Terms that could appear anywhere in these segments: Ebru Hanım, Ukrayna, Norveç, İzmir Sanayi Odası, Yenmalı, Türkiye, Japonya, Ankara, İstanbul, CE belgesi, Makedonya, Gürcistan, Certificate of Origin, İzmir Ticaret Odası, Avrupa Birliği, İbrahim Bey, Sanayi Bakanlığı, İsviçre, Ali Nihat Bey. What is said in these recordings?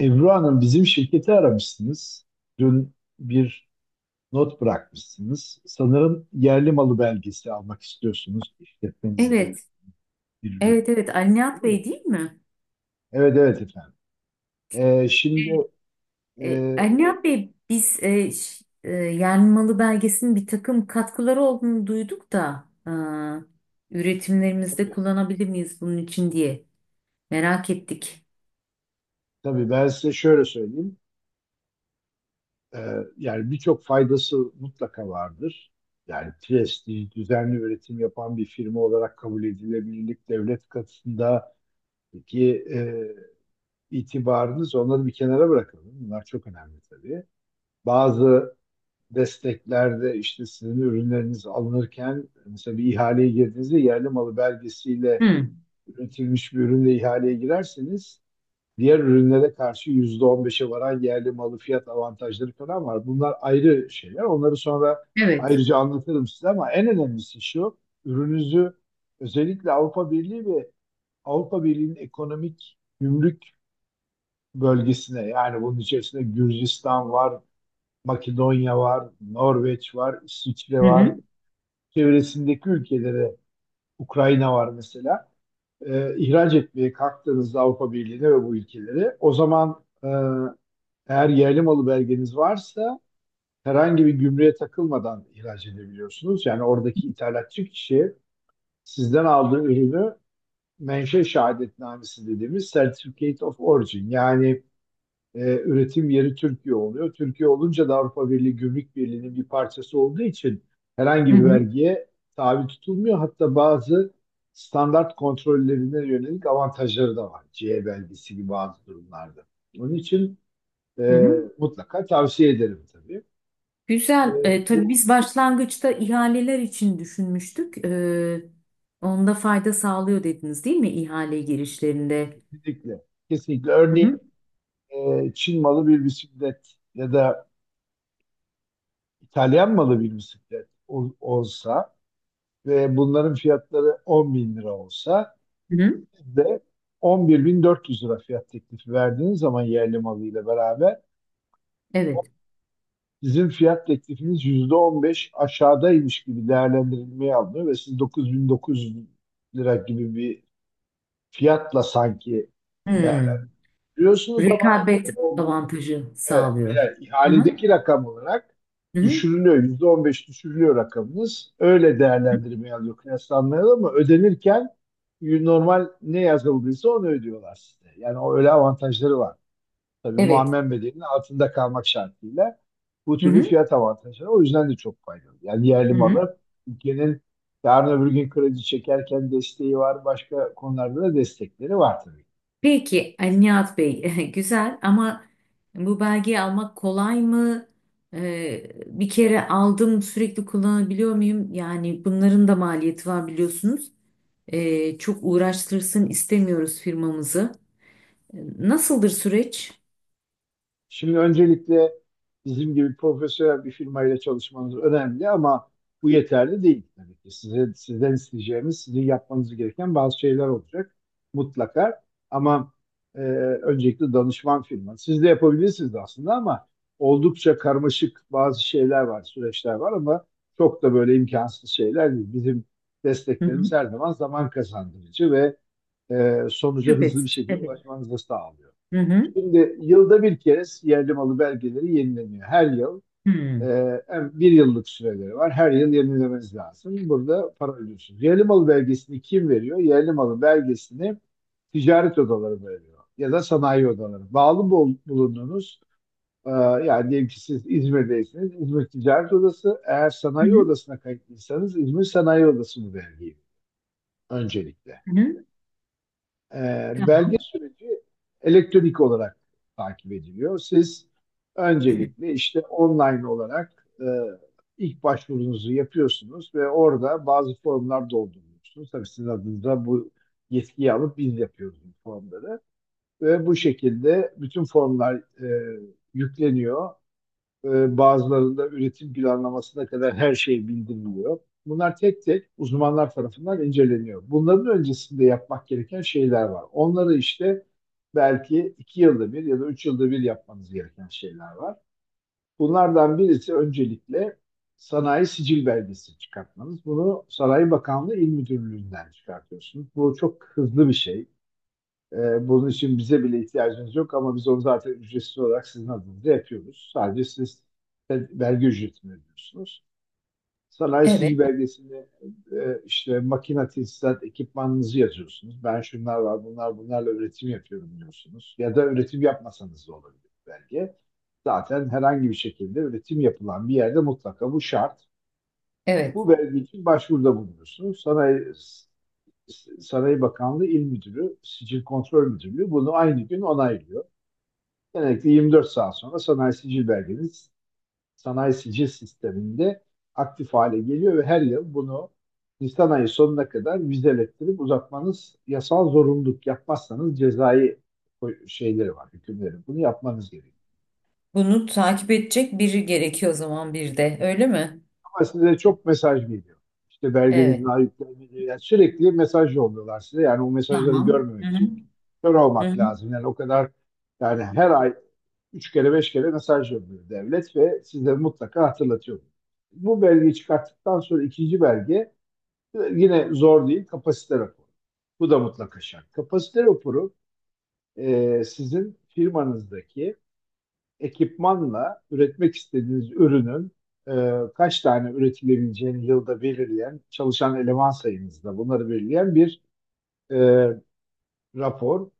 Ebru Hanım bizim şirketi aramışsınız. Dün bir not bırakmışsınız. Sanırım yerli malı belgesi almak istiyorsunuz. İşletmenizde öyle Evet, bir ürün. evet, evet. Ali Nihat Doğru mu? Bey değil mi? Evet evet efendim. Ee, şimdi Evet. e, Ali Nihat Bey biz Yenmalı belgesinin bir takım katkıları olduğunu duyduk da üretimlerimizde tabii, kullanabilir miyiz bunun için diye merak ettik. tabii ben size şöyle söyleyeyim. Ee, Yani birçok faydası mutlaka vardır. Yani prestij, düzenli üretim yapan bir firma olarak kabul edilebilirlik devlet katında ki itibarınız, onları bir kenara bırakalım. Bunlar çok önemli tabii. Bazı desteklerde işte sizin ürünleriniz alınırken, mesela bir ihaleye girdiğinizde yerli malı belgesiyle Hı, üretilmiş bir ürünle ihaleye girerseniz, diğer ürünlere karşı %15'e varan yerli malı fiyat avantajları falan var. Bunlar ayrı şeyler. Onları sonra evet. ayrıca anlatırım size, ama en önemlisi şu: ürününüzü özellikle Avrupa Birliği ve Avrupa Birliği'nin ekonomik gümrük bölgesine, yani bunun içerisinde Gürcistan var, Makedonya var, Norveç var, İsviçre Hı var. hı, Çevresindeki ülkelere, Ukrayna var mesela. İhraç etmeye kalktığınızda Avrupa Birliği'ne ve bu ülkelere, o zaman eğer yerli malı belgeniz varsa herhangi bir gümrüğe takılmadan ihraç edebiliyorsunuz. Yani oradaki ithalatçı kişi sizden aldığı ürünü menşe şehadetnamesi dediğimiz Certificate of Origin, yani üretim yeri Türkiye oluyor. Türkiye olunca da Avrupa Birliği Gümrük Birliği'nin bir parçası olduğu için herhangi hı bir hı, vergiye tabi tutulmuyor. Hatta bazı standart kontrollerine yönelik avantajları da var. CE belgesi gibi bazı durumlarda. Onun için hı e, hı. mutlaka tavsiye ederim tabii. E, Güzel. E, bu tabii biz başlangıçta ihaleler için düşünmüştük. Onda fayda sağlıyor dediniz değil mi ihale girişlerinde? Kesinlikle. Kesinlikle. Hı hı, Çin malı bir bisiklet ya da İtalyan malı bir bisiklet olsa ve bunların fiyatları 10 bin lira olsa, hı hı. siz de 11.400 lira fiyat teklifi verdiğiniz zaman, yerli malıyla beraber Evet. sizin fiyat teklifiniz %15 aşağıdaymış gibi değerlendirilmeye alınıyor ve siz 9.900 lira gibi bir fiyatla sanki Hı. değerlendiriyorsunuz, ama Rekabet o- avantajı evet, sağlıyor. hayır, Hı hı. ihaledeki rakam olarak Hı hı. düşürülüyor. %15 düşürülüyor rakamınız. Öyle Hı. değerlendirmeye alıyor, kıyaslanmaya alıyor, ama ödenirken normal ne yazıldıysa onu ödüyorlar size. Yani o öyle avantajları var. Tabii Evet. muammer bedelinin altında kalmak şartıyla bu Hı türlü hı. fiyat avantajları, o yüzden de çok faydalı. Yani yerli Hı hı. malı ülkenin yarın öbür gün kredi çekerken desteği var, başka konularda da destekleri var tabii. Peki Ali Nihat Bey güzel ama bu belgeyi almak kolay mı? Bir kere aldım sürekli kullanabiliyor muyum? Yani bunların da maliyeti var biliyorsunuz. Çok uğraştırsın istemiyoruz firmamızı. Nasıldır süreç? Şimdi öncelikle bizim gibi profesyonel bir firmayla çalışmanız önemli, ama bu yeterli değil tabii ki. Size, sizden isteyeceğimiz, sizin yapmanız gereken bazı şeyler olacak mutlaka. Ama e, Öncelikle danışman firma. Siz de yapabilirsiniz aslında, ama oldukça karmaşık bazı şeyler var, süreçler var, ama çok da böyle imkansız şeyler değil. Bizim Hı hı. desteklerimiz her zaman zaman kazandırıcı ve sonuca hızlı bir Şüphesiz. şekilde Evet. ulaşmanızı sağlıyor. Hı hı. Şimdi yılda bir kez yerli malı belgeleri yenileniyor. Her yıl Hı hı. e, hem bir yıllık süreleri var. Her yıl yenilemeniz lazım. Burada para ödüyorsunuz. Yerli malı belgesini kim veriyor? Yerli malı belgesini ticaret odaları veriyor, ya da sanayi odaları. Bulunduğunuz yani diyelim ki siz İzmir'deyseniz İzmir Ticaret Odası, eğer Hı sanayi hı. odasına kayıtlıysanız İzmir Sanayi Odası bu belgeyi öncelikle. Hı hı. Belge Tamam. süreci elektronik olarak takip ediliyor. Siz öncelikle işte online olarak ilk başvurunuzu yapıyorsunuz ve orada bazı formlar dolduruyorsunuz. Tabii sizin adınıza bu yetkiyi alıp biz yapıyoruz bu formları. Ve bu şekilde bütün formlar e, yükleniyor, bazılarında üretim planlamasına kadar her şey bildiriliyor. Bunlar tek tek uzmanlar tarafından inceleniyor. Bunların öncesinde yapmak gereken şeyler var. Onları işte belki iki yılda bir ya da üç yılda bir yapmanız gereken şeyler var. Bunlardan birisi öncelikle sanayi sicil belgesi çıkartmanız. Bunu Sanayi Bakanlığı İl Müdürlüğü'nden çıkartıyorsunuz. Bu çok hızlı bir şey. Bunun için bize bile ihtiyacınız yok, ama biz onu zaten ücretsiz olarak sizin adınıza yapıyoruz. Sadece siz de vergi ücretini ödüyorsunuz. Sanayi Evet. sicil belgesini işte makina tesisat ekipmanınızı yazıyorsunuz. Ben şunlar var, bunlar bunlarla üretim yapıyorum diyorsunuz. Ya da üretim yapmasanız da olabilir belge. Zaten herhangi bir şekilde üretim yapılan bir yerde mutlaka bu şart. Evet. Bu belge için başvuruda bulunuyorsunuz. Sanayi Saray Bakanlığı İl Müdürü, Sicil Kontrol Müdürlüğü bunu aynı gün onaylıyor. Genellikle 24 saat sonra sanayi sicil belgeniz sanayi sicil sisteminde aktif hale geliyor ve her yıl bunu Nisan ayı sonuna kadar vizelettirip uzatmanız yasal zorunluluk. Yapmazsanız cezai şeyleri var, hükümleri. Bunu yapmanız gerekiyor. Bunu takip edecek biri gerekiyor o zaman bir de. Öyle mi? Ama size çok mesaj geliyor. İşte belgenizin Evet. ayıplanmadığı, yani sürekli mesaj yolluyorlar size. Yani o mesajları Tamam. Hı görmemek hı. için kör Hı olmak hı. lazım. Yani o kadar, yani her ay üç kere beş kere mesaj yolluyor devlet ve size mutlaka hatırlatıyor. Bu belgeyi çıkarttıktan sonra ikinci belge, yine zor değil, kapasite raporu. Bu da mutlaka şart. Kapasite raporu sizin firmanızdaki ekipmanla üretmek istediğiniz ürünün kaç tane üretilebileceğini yılda belirleyen, çalışan eleman sayınızda bunları belirleyen bir e, rapor.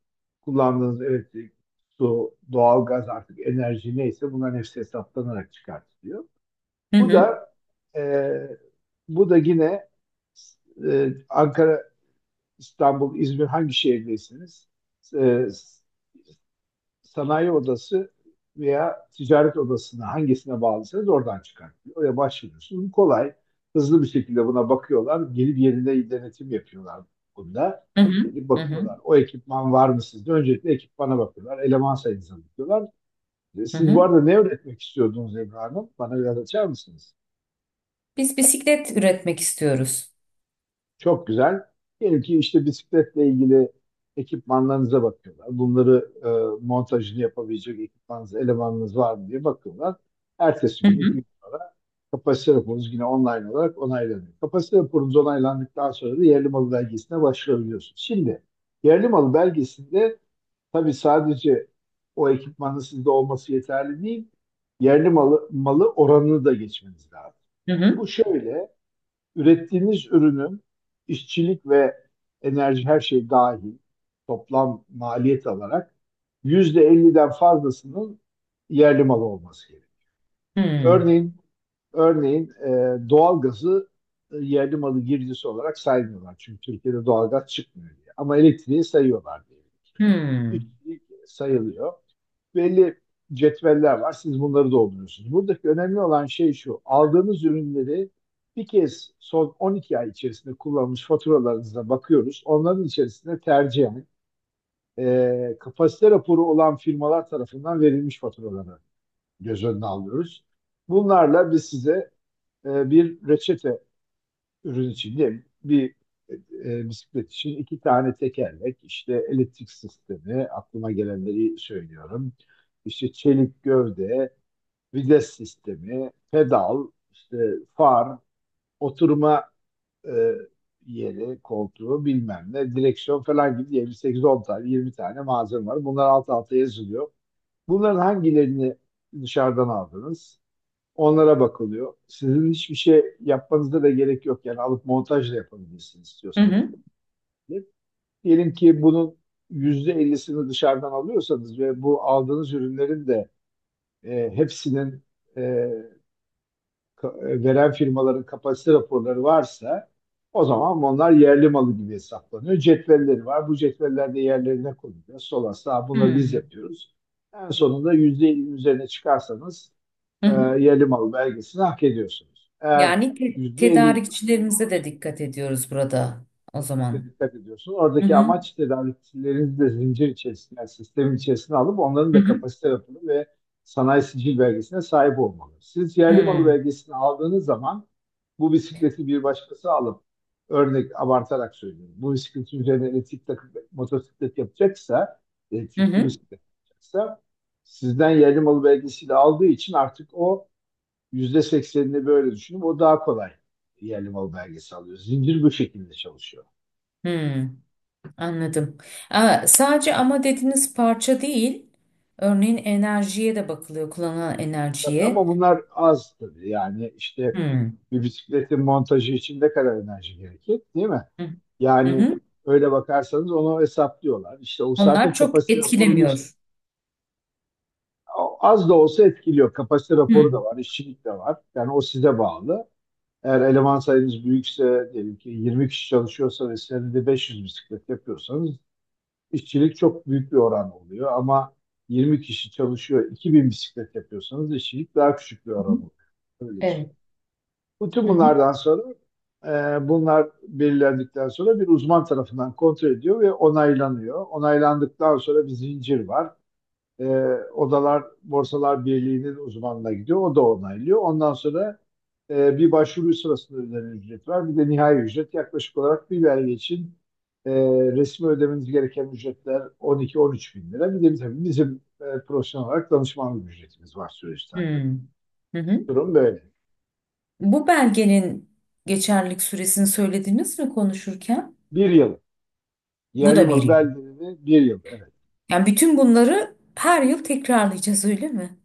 Kullandığınız elektrik, su, doğalgaz, artık enerji neyse, bunların hepsi hesaplanarak çıkartılıyor. Hı Bu hı. da e, bu da yine e, Ankara, İstanbul, İzmir, hangi şehirdeyseniz e, sanayi odası veya ticaret odasına, hangisine bağlısınız, oradan çıkartıyor. Oraya başvuruyorsunuz. Kolay, hızlı bir şekilde buna bakıyorlar. Gelip yerinde denetim yapıyorlar bunda. Hı hı. Gelip Hı hı. bakıyorlar. O ekipman var mı sizde? Öncelikle ekipmana bakıyorlar. Eleman sayınıza bakıyorlar. Hı Siz bu hı. arada ne öğretmek istiyordunuz Ebru Hanım? Bana biraz açar mısınız? Biz bisiklet üretmek istiyoruz. Çok güzel. Diyelim ki işte bisikletle ilgili ekipmanlarınıza bakıyorlar. Bunları montajını yapabilecek ekipmanınız, elemanınız var mı diye bakıyorlar. Ertesi Hı gün, iki hı. gün sonra kapasite raporunuz yine online olarak onaylanıyor. Kapasite raporunuz onaylandıktan sonra da yerli malı belgesine başvurabiliyorsunuz. Şimdi yerli malı belgesinde tabii sadece o ekipmanın sizde olması yeterli değil. Yerli malı oranını da geçmeniz lazım. Hı Bu hı. şöyle: ürettiğiniz ürünün işçilik ve enerji, her şey dahil toplam maliyet alarak %50'den fazlasının yerli malı olması gerekiyor. Hı. Örneğin örneğin doğalgazı yerli malı girdisi olarak saymıyorlar. Çünkü Türkiye'de doğalgaz çıkmıyor diye. Ama elektriği sayıyorlar diye. Hı. İşçilik sayılıyor, belli cetveller var. Siz bunları dolduruyorsunuz. Buradaki önemli olan şey şu: aldığınız ürünleri bir kez son 12 ay içerisinde kullanmış faturalarınıza bakıyoruz. Onların içerisinde tercihen kapasite raporu olan firmalar tarafından verilmiş faturaları göz önüne alıyoruz. Bunlarla biz size bir reçete, ürün için değil. Bir e, Bisiklet için iki tane tekerlek, işte elektrik sistemi, aklıma gelenleri söylüyorum. İşte çelik gövde, vites sistemi, pedal, işte far, oturma e, yeri, koltuğu bilmem ne, direksiyon falan gibi diye sekiz on tane, 20 tane malzeme var. Bunlar alt alta yazılıyor. Bunların hangilerini dışarıdan aldınız? Onlara bakılıyor. Sizin hiçbir şey yapmanıza da gerek yok. Yani alıp montajla yapabilirsiniz Hı istiyorsanız. hı. Diyelim ki bunun %50'sini dışarıdan alıyorsanız ve bu aldığınız ürünlerin de e, hepsinin e, ka- e, veren firmaların kapasite raporları varsa, o zaman onlar yerli malı gibi hesaplanıyor. Cetvelleri var. Bu cetveller de yerlerine konuluyor. Sol asla bunları biz Hı. yapıyoruz. En sonunda %50'nin üzerine çıkarsanız Hı hı. yerli malı belgesini hak ediyorsunuz. Yani Eğer %50 tedarikçilerimize de dikkat ediyoruz burada o Kesinlikle zaman. dikkat ediyorsun. Hı Oradaki hı. amaç tedarikçilerini de zincir içerisine, yani sistemin içerisine alıp, onların Hı da hı. kapasite raporu ve sanayi sicil belgesine sahip olmalı. Siz yerli malı Hı. belgesini aldığınız zaman, bu bisikleti bir başkası alıp, örnek abartarak söylüyorum, bu bisikletin üzerine elektrik takıp motosiklet yapacaksa, Hı elektrikli hı. bisiklet yapacaksa, sizden yerli malı belgesiyle aldığı için artık o %80'ini böyle düşünüp, o daha kolay yerli malı belgesi alıyor. Zincir bu şekilde çalışıyor. Hı. Hı. Anladım. Aa, sadece ama dediğiniz parça değil. Örneğin enerjiye de bakılıyor, kullanılan enerjiye. Ama bunlar az tabii. Yani işte Hmm. bir bisikletin montajı için ne kadar enerji gerekir, değil mi? Hı hı. Yani Hı. öyle bakarsanız onu hesaplıyorlar. İşte o Onlar zaten çok kapasite raporunu etkilemiyor. az da olsa etkiliyor. Kapasite Hmm. raporu da Hı var, işçilik de var. Yani o size bağlı. Eğer eleman sayınız büyükse, diyelim ki 20 kişi çalışıyorsa ve senede 500 bisiklet yapıyorsanız, işçilik çok büyük bir oran oluyor. Ama 20 kişi çalışıyor, 2.000 bisiklet yapıyorsanız, işçilik daha küçük bir hı. oran oluyor. Öyle. Evet. Bütün Hı hı. bunlardan sonra, bunlar belirlendikten sonra bir uzman tarafından kontrol ediyor ve onaylanıyor. Onaylandıktan sonra bir zincir var. E, Odalar Borsalar Birliği'nin uzmanına gidiyor. O da onaylıyor. Ondan sonra bir başvuru sırasında ödenen ücret var. Bir de nihai ücret, yaklaşık olarak bir belge için e, resmi ödemeniz gereken ücretler 12-13 bin lira. Bir de tabii bizim profesyonel olarak danışmanlık ücretimiz var süreçten. Hmm. Hı hı. Durum böyle. Bu belgenin geçerlilik süresini söylediniz mi konuşurken? Bir yıl. Bu Yerli da bir malı yıl. belgeleri bir yıl. Evet. Yani bütün bunları her yıl tekrarlayacağız öyle mi?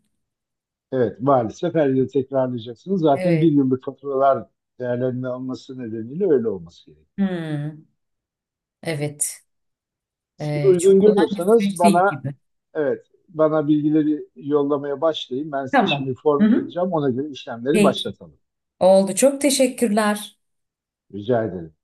Evet. Maalesef her yıl tekrarlayacaksınız. Zaten bir Evet. yıllık faturalar değerlendirme alması nedeniyle öyle olması gerekiyor. Hmm. Evet. Siz Çok uygun kolay bir görüyorsanız süreç değil bana, gibi. evet, bana bilgileri yollamaya başlayın. Ben size Tamam. şimdi Hı form hı. alacağım. Ona göre işlemleri Peki. başlatalım. Oldu. Çok teşekkürler. Rica ederim.